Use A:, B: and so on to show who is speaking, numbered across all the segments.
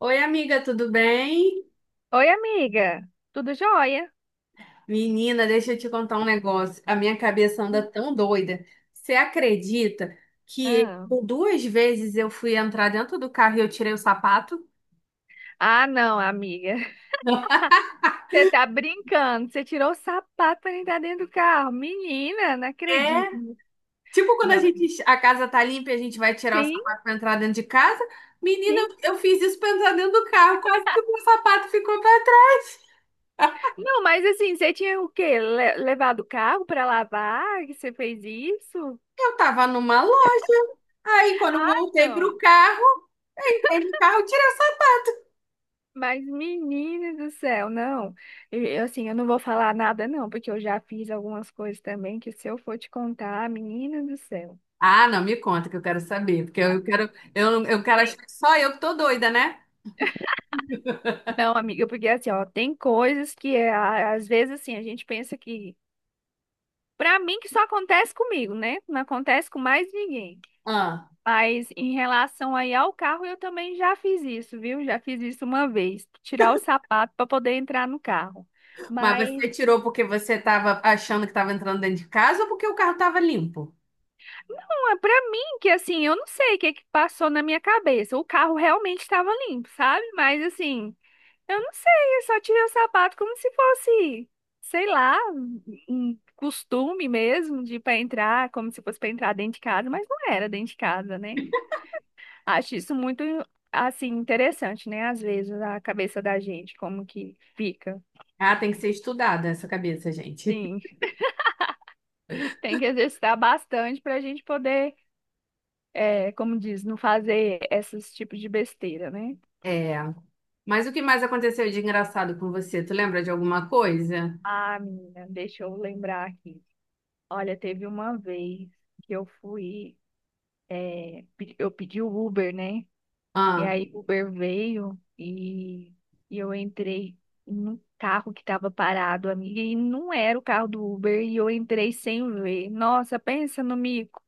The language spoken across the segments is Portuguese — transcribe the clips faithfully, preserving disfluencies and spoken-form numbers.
A: Oi, amiga, tudo bem?
B: Oi, amiga. Tudo jóia?
A: Menina, deixa eu te contar um negócio. A minha cabeça anda tão doida. Você acredita que
B: Ah,
A: por duas vezes eu fui entrar dentro do carro e eu tirei o sapato?
B: Ah, não, amiga. Você tá brincando. Você tirou o sapato pra entrar dentro do carro. Menina, não
A: É,
B: acredito.
A: tipo quando a
B: Não,
A: gente, a casa tá limpa e a gente vai tirar o
B: sim,
A: sapato pra entrar dentro de casa. Menina,
B: sim.
A: eu eu fiz isso pra entrar dentro do carro, quase que o meu sapato ficou pra trás.
B: Não, mas assim, você tinha o quê? Le- levado o carro pra lavar? Que você fez isso?
A: Eu tava numa loja. Aí, quando
B: Ah,
A: voltei pro
B: não.
A: carro, eu entrei no carro, tirei.
B: Mas, menina do céu, não. Eu, assim, eu não vou falar nada, não, porque eu já fiz algumas coisas também que, se eu for te contar, menina do céu.
A: Ah, não, me conta que eu quero saber, porque eu quero, eu, eu quero achar que só eu que tô doida, né?
B: Não, amiga, porque assim, ó, tem coisas que é, a- às vezes assim, a gente pensa que pra mim que só acontece comigo, né? Não acontece com mais ninguém.
A: Ah,
B: Mas em relação aí ao carro, eu também já fiz isso, viu? Já fiz isso uma vez, tirar o sapato pra poder entrar no carro.
A: mas
B: Mas
A: você tirou porque você tava achando que tava entrando dentro de casa ou porque o carro tava limpo?
B: não, é pra mim que assim, eu não sei o que que passou na minha cabeça. O carro realmente estava limpo, sabe? Mas assim, eu não sei, eu só tirei o sapato como se fosse, sei lá, um costume mesmo de para entrar, como se fosse para entrar dentro de casa, mas não era dentro de casa, né? Acho isso muito assim interessante, né? Às vezes a cabeça da gente como que fica.
A: Ah, tem que ser estudada essa cabeça, gente.
B: Sim, tem que exercitar bastante para a gente poder, é, como diz, não fazer esses tipos de besteira, né?
A: É. Mas o que mais aconteceu de engraçado com você? Tu lembra de alguma coisa?
B: Ah, menina, deixa eu lembrar aqui. Olha, teve uma vez que eu fui. É, pe- eu pedi o Uber, né? E
A: Ah,
B: aí o Uber veio e, e eu entrei num carro que estava parado, amiga, e não era o carro do Uber, e eu entrei sem ver. Nossa, pensa no mico.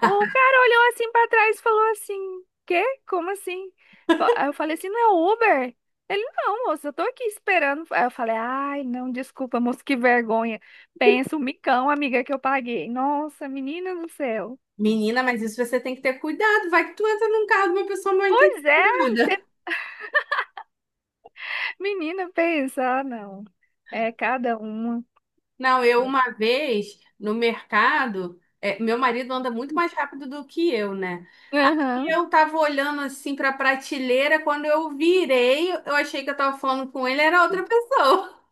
B: O cara olhou assim para trás e falou assim: Quê? Como assim? Fa- Aí eu falei assim: não é o Uber? Ele, não, moça, eu tô aqui esperando. Aí eu falei, ai, não, desculpa, moça, que vergonha. Pensa o micão, amiga, que eu paguei. Nossa, menina do céu.
A: menina, mas isso você tem que ter cuidado. Vai que tu entra num carro de uma pessoa mal
B: Pois é,
A: intencionada.
B: menina, pensa, ah, não. É cada uma.
A: Não, eu uma vez no mercado, é, meu marido anda muito mais rápido do que eu, né? Aí
B: Aham.
A: eu tava olhando assim pra prateleira, quando eu virei, eu achei que eu tava falando com ele, era outra pessoa.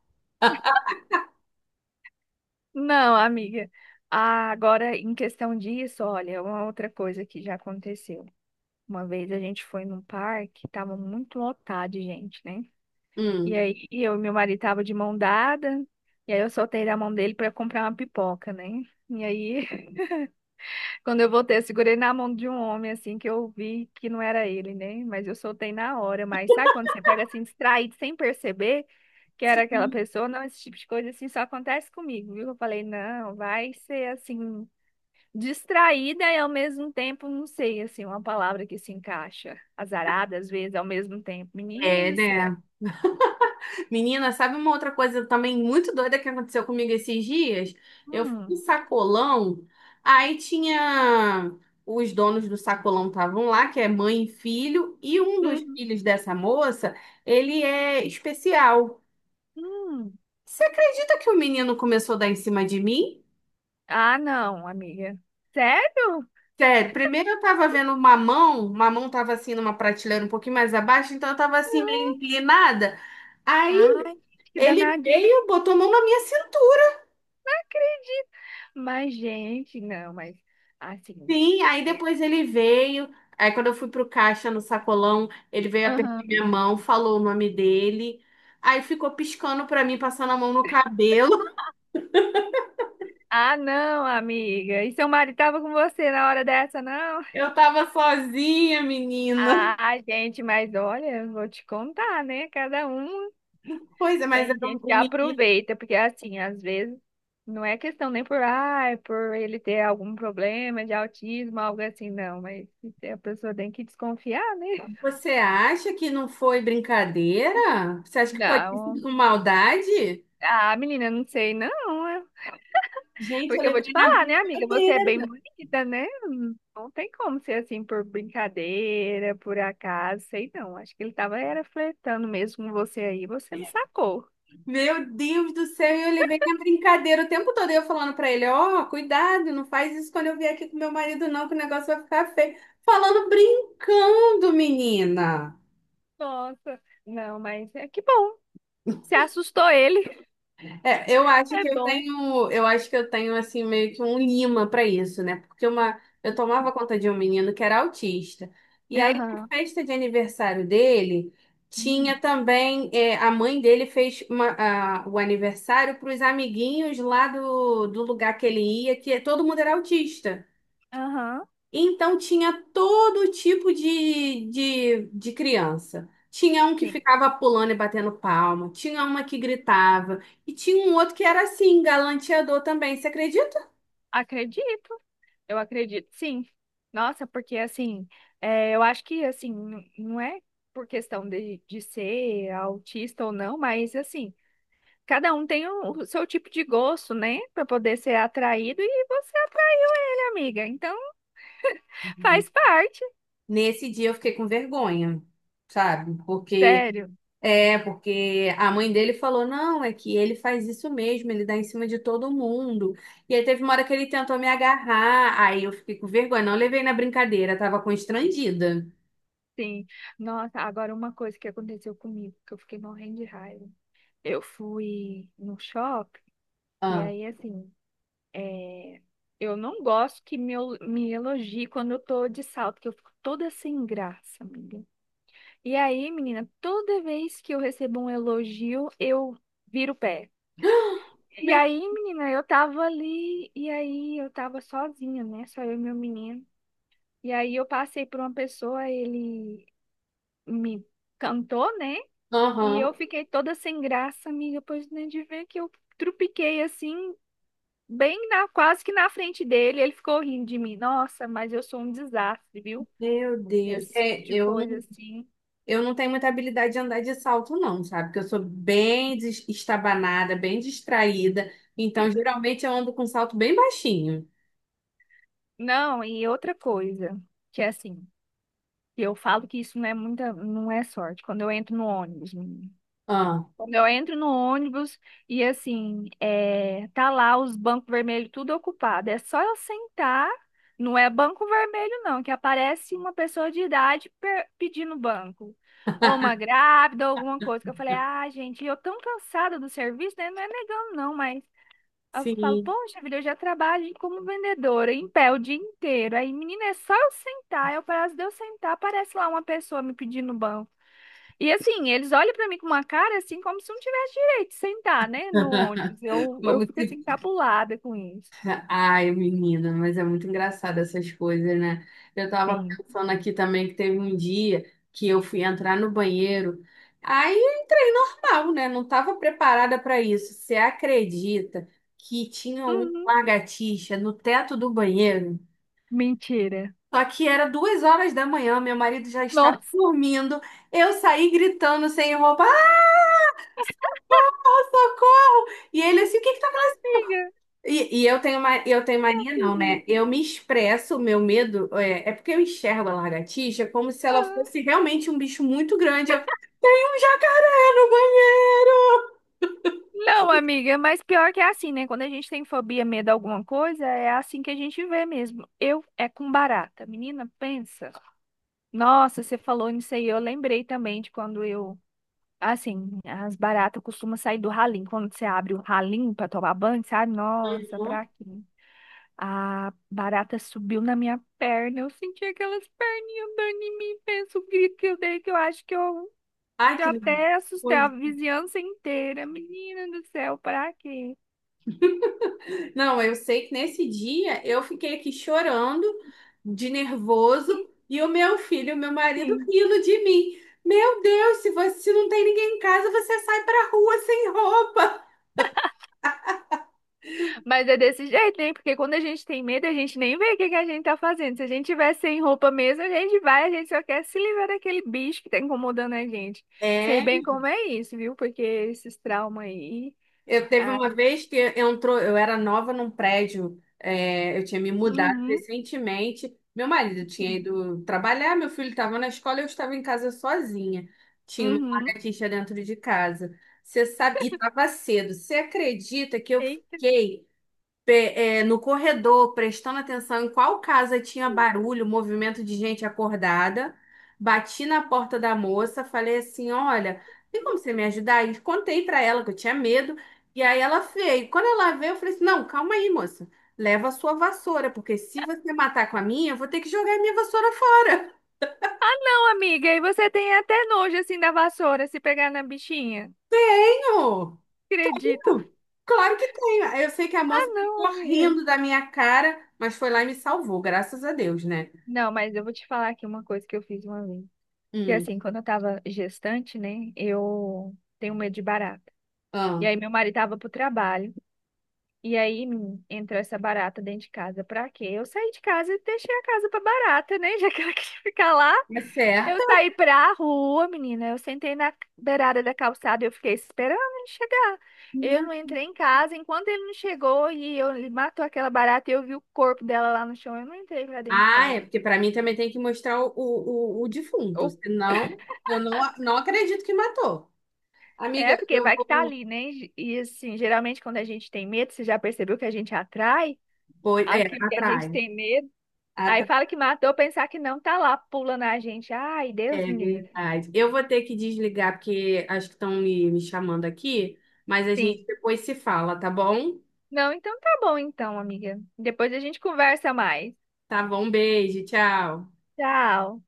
B: Não, amiga. Ah, agora, em questão disso, olha, uma outra coisa que já aconteceu. Uma vez a gente foi num parque, tava muito lotado de gente, né? E
A: Hum.
B: aí eu e meu marido tava de mão dada, e aí eu soltei da mão dele para comprar uma pipoca, né? E aí, quando eu voltei, eu segurei na mão de um homem, assim, que eu vi que não era ele, né? Mas eu soltei na hora. Mas sabe quando você pega, assim, distraído, sem perceber que era aquela pessoa? Não, esse tipo de coisa, assim, só acontece comigo, viu? Eu falei, não, vai ser, assim, distraída e, ao mesmo tempo, não sei, assim, uma palavra que se encaixa. Azarada, às vezes, ao mesmo tempo. Menino
A: É,
B: do
A: né?
B: céu.
A: Menina, sabe uma outra coisa também muito doida que aconteceu comigo esses dias? Eu fui no
B: Hum,
A: sacolão, aí tinha os donos do sacolão estavam lá, que é mãe e filho, e um dos
B: hum,
A: filhos dessa moça, ele é especial.
B: hum.
A: Você acredita que o menino começou a dar em cima de mim?
B: Ah, não, amiga. Sério?
A: Sério, primeiro eu tava vendo o mamão, o mamão tava assim numa prateleira um pouquinho mais abaixo, então eu tava assim meio inclinada. Aí
B: Ai, que
A: ele
B: danadinho.
A: veio, botou a mão na minha cintura.
B: Acredito. Mas, gente, não, mas assim.
A: Sim, aí
B: É.
A: depois ele veio. Aí quando eu fui pro caixa no sacolão, ele veio apertar
B: Aham.
A: minha mão, falou o nome dele. Aí ficou piscando pra mim, passando a mão no cabelo.
B: Ah, não, amiga. E seu marido tava com você na hora dessa, não?
A: Eu tava sozinha, menina.
B: Ah, gente, mas olha, vou te contar, né? Cada um,
A: Pois é, mas
B: tem
A: era um
B: gente que
A: um menino.
B: aproveita, porque assim, às vezes não é questão nem por, ah, é por ele ter algum problema de autismo, algo assim, não, mas a pessoa tem que desconfiar, né?
A: Você acha que não foi brincadeira? Você acha que pode ter
B: Não.
A: sido com maldade?
B: Ah, menina, não sei, não.
A: Gente, eu
B: Porque eu vou te
A: levei na
B: falar, né, amiga? Você é
A: brincadeira.
B: bem bonita, né? Não tem como ser assim por brincadeira, por acaso, sei não. Acho que ele tava era flertando mesmo com você aí, você não sacou.
A: Meu Deus do céu, eu levei na brincadeira o tempo todo eu falando pra ele, ó, cuidado, não faz isso quando eu vier aqui com meu marido não, que o negócio vai ficar feio. Falando brincando, menina.
B: Nossa, não, mas é que bom. Você assustou ele,
A: É, eu acho
B: é
A: que eu
B: bom.
A: tenho, eu acho que eu tenho assim meio que um lima pra isso, né? Porque uma, eu tomava conta de um menino que era autista. E aí na
B: Aham.
A: festa de aniversário dele tinha
B: Hum.
A: também é, a mãe dele fez uma- a- o aniversário para os amiguinhos lá do, do lugar que ele ia, que todo mundo era autista.
B: Aham.
A: Então tinha todo tipo de, de, de criança. Tinha um que
B: Sim.
A: ficava pulando e batendo palma, tinha uma que gritava, e tinha um outro que era assim, galanteador também, você acredita?
B: Acredito. Eu acredito, sim. Nossa, porque assim, é, eu acho que assim, n- não é por questão de, de ser autista ou não, mas assim, cada um tem o, o seu tipo de gosto, né? Pra poder ser atraído e você atraiu ele, amiga. Então,
A: Né?
B: faz parte.
A: Nesse dia eu fiquei com vergonha, sabe? Porque
B: Sério,
A: é, porque a mãe dele falou: "Não, é que ele faz isso mesmo, ele dá em cima de todo mundo". E aí teve uma hora que ele tentou me agarrar, aí eu fiquei com vergonha, não levei na brincadeira, tava constrangida.
B: sim. Nossa, agora uma coisa que aconteceu comigo, que eu fiquei morrendo de raiva. Eu fui no shopping e
A: Ah.
B: aí, assim, é, eu não gosto que me, el- me elogie quando eu tô de salto, que eu fico toda sem graça, amiga. E aí, menina, toda vez que eu recebo um elogio, eu viro o pé. E aí, menina, eu tava ali, e aí eu tava sozinha, né? Só eu e meu menino. E aí eu passei por uma pessoa, ele me cantou, né? E eu
A: Aham.
B: fiquei toda sem graça, amiga, pois nem de ver que eu trupiquei assim, bem na, quase que na frente dele. Ele ficou rindo de mim. Nossa, mas eu sou um desastre, viu?
A: Meu Deus.
B: Esse tipo
A: É,
B: de
A: eu
B: coisa
A: não,
B: assim.
A: eu não tenho muita habilidade de andar de salto, não, sabe? Porque eu sou bem des- estabanada, bem distraída. Então, geralmente, eu ando com salto bem baixinho.
B: Não, e outra coisa, que é assim, eu falo que isso não é muita, não é sorte. Quando eu entro no ônibus,
A: Ah,
B: Quando eu entro no ônibus e assim, é, tá lá os bancos vermelhos tudo ocupado. É só eu sentar, não é banco vermelho não, que aparece uma pessoa de idade per- pedindo banco. Ou uma grávida, ou alguma coisa. Que eu falei, ah, gente, eu tão cansada do serviço, né? Não é negando não, mas eu falo,
A: sim.
B: poxa vida, eu já trabalho como vendedora em pé o dia inteiro. Aí, menina, é só eu sentar. Eu, para de eu sentar, aparece lá uma pessoa me pedindo banco. E assim, eles olham pra mim com uma cara assim, como se não tivesse direito de sentar, né, no ônibus. Eu, eu
A: Como
B: fico
A: se...
B: assim, cabulada com isso.
A: Ai, menina, mas é muito engraçado essas coisas, né? Eu tava
B: Sim.
A: pensando aqui também que teve um dia que eu fui entrar no banheiro. Aí. Não, né? Não estava preparada para isso. Você acredita que tinha um
B: Uhum.
A: lagartixa no teto do banheiro?
B: Mentira.
A: Só que era duas horas da manhã, meu marido já estava
B: Nossa,
A: dormindo. Eu saí gritando sem roupa, ah, socorro! E ele assim, o que que tá acontecendo?
B: amiga.
A: E, e eu tenho ma- eu tenho mania, não, né? Eu me expresso, o meu medo é, é porque eu enxergo a lagartixa como se ela
B: Ah.
A: fosse realmente um bicho muito grande. Eu, um jacaré no banheiro!
B: Não, amiga, mas pior que é assim, né? Quando a gente tem fobia, medo de alguma coisa, é assim que a gente vê mesmo. Eu é com barata. Menina, pensa. Nossa, você falou nisso aí, eu lembrei também de quando eu, assim, as baratas costumam sair do ralinho. Quando você abre o ralinho pra tomar banho, sabe? Nossa, pra quê? A barata subiu na minha perna. Eu senti aquelas perninhas andando em mim. Penso o grito que eu dei, que eu acho que eu
A: Ai, que
B: já até assustei a
A: nervoso.
B: vizinhança inteira. Menina do céu, pra quê?
A: Não, eu sei que nesse dia eu fiquei aqui chorando de nervoso e o meu filho, o meu marido,
B: Sim.
A: rindo de mim. Meu Deus, se você se não tem ninguém em casa, você sai pra rua sem roupa.
B: Mas é desse jeito, né? Porque quando a gente tem medo, a gente nem vê o que que a gente tá fazendo. Se a gente tiver sem roupa mesmo, a gente vai, a gente só quer se livrar daquele bicho que tá incomodando a gente. Sei
A: É.
B: bem como é isso, viu? Porque esses traumas aí.
A: Eu teve
B: Ah.
A: uma vez que entrou, eu era nova num prédio, é, eu tinha me mudado
B: Uhum.
A: recentemente. Meu marido tinha ido trabalhar, meu filho estava na escola, eu estava em casa sozinha. Tinha uma
B: Uhum.
A: lagartixa dentro de casa. Você sabe, e estava cedo. Você acredita que eu
B: Eita.
A: fiquei pe- é, no corredor, prestando atenção em qual casa tinha barulho, movimento de gente acordada. Bati na porta da moça, falei assim: Olha, tem como você me ajudar? E contei pra ela que eu tinha medo. E aí ela veio. Quando ela veio, eu falei assim: Não, calma aí, moça. Leva a sua vassoura, porque se você matar com a minha, eu vou ter que jogar a minha vassoura fora.
B: Ah, não, amiga, e você tem até nojo assim da vassoura se pegar na bichinha.
A: Tenho.
B: Acredito.
A: Claro que tenho. Eu sei que a
B: Ah,
A: moça
B: não,
A: ficou
B: amiga.
A: rindo da minha cara, mas foi lá e me salvou, graças a Deus, né?
B: Não, mas eu vou te falar aqui uma coisa que eu fiz uma vez. Que
A: Hum.
B: assim, quando eu tava gestante, né? Eu tenho medo de barato. E
A: Ah,
B: aí meu marido tava pro trabalho. E aí menino, entrou essa barata dentro de casa. Pra quê? Eu saí de casa e deixei a casa pra barata, né? Já que ela queria ficar lá.
A: é
B: Eu
A: certo.
B: saí pra rua, menina. Eu sentei na beirada da calçada e eu fiquei esperando ele chegar. Eu
A: Meu-
B: não entrei em casa. Enquanto ele não chegou e eu, ele matou aquela barata e eu vi o corpo dela lá no chão, eu não entrei pra dentro de
A: Ah,
B: casa.
A: é porque pra mim também tem que mostrar o, o, o defunto,
B: O-
A: senão eu não, não acredito que matou. Amiga,
B: É, porque
A: eu
B: vai que tá
A: vou.
B: ali, né? E assim, geralmente quando a gente tem medo, você já percebeu que a gente atrai
A: Pois, é,
B: aquilo que a
A: atrai.
B: gente tem medo. Aí
A: Atrai.
B: fala que matou, pensar que não, tá lá pulando a gente. Ai, Deus
A: É
B: me livre.
A: verdade. Eu vou ter que desligar porque acho que estão me, me chamando aqui, mas a gente
B: Sim.
A: depois se fala, tá bom?
B: Não, então tá bom então, amiga. Depois a gente conversa mais.
A: Tá bom, beijo, tchau.
B: Tchau.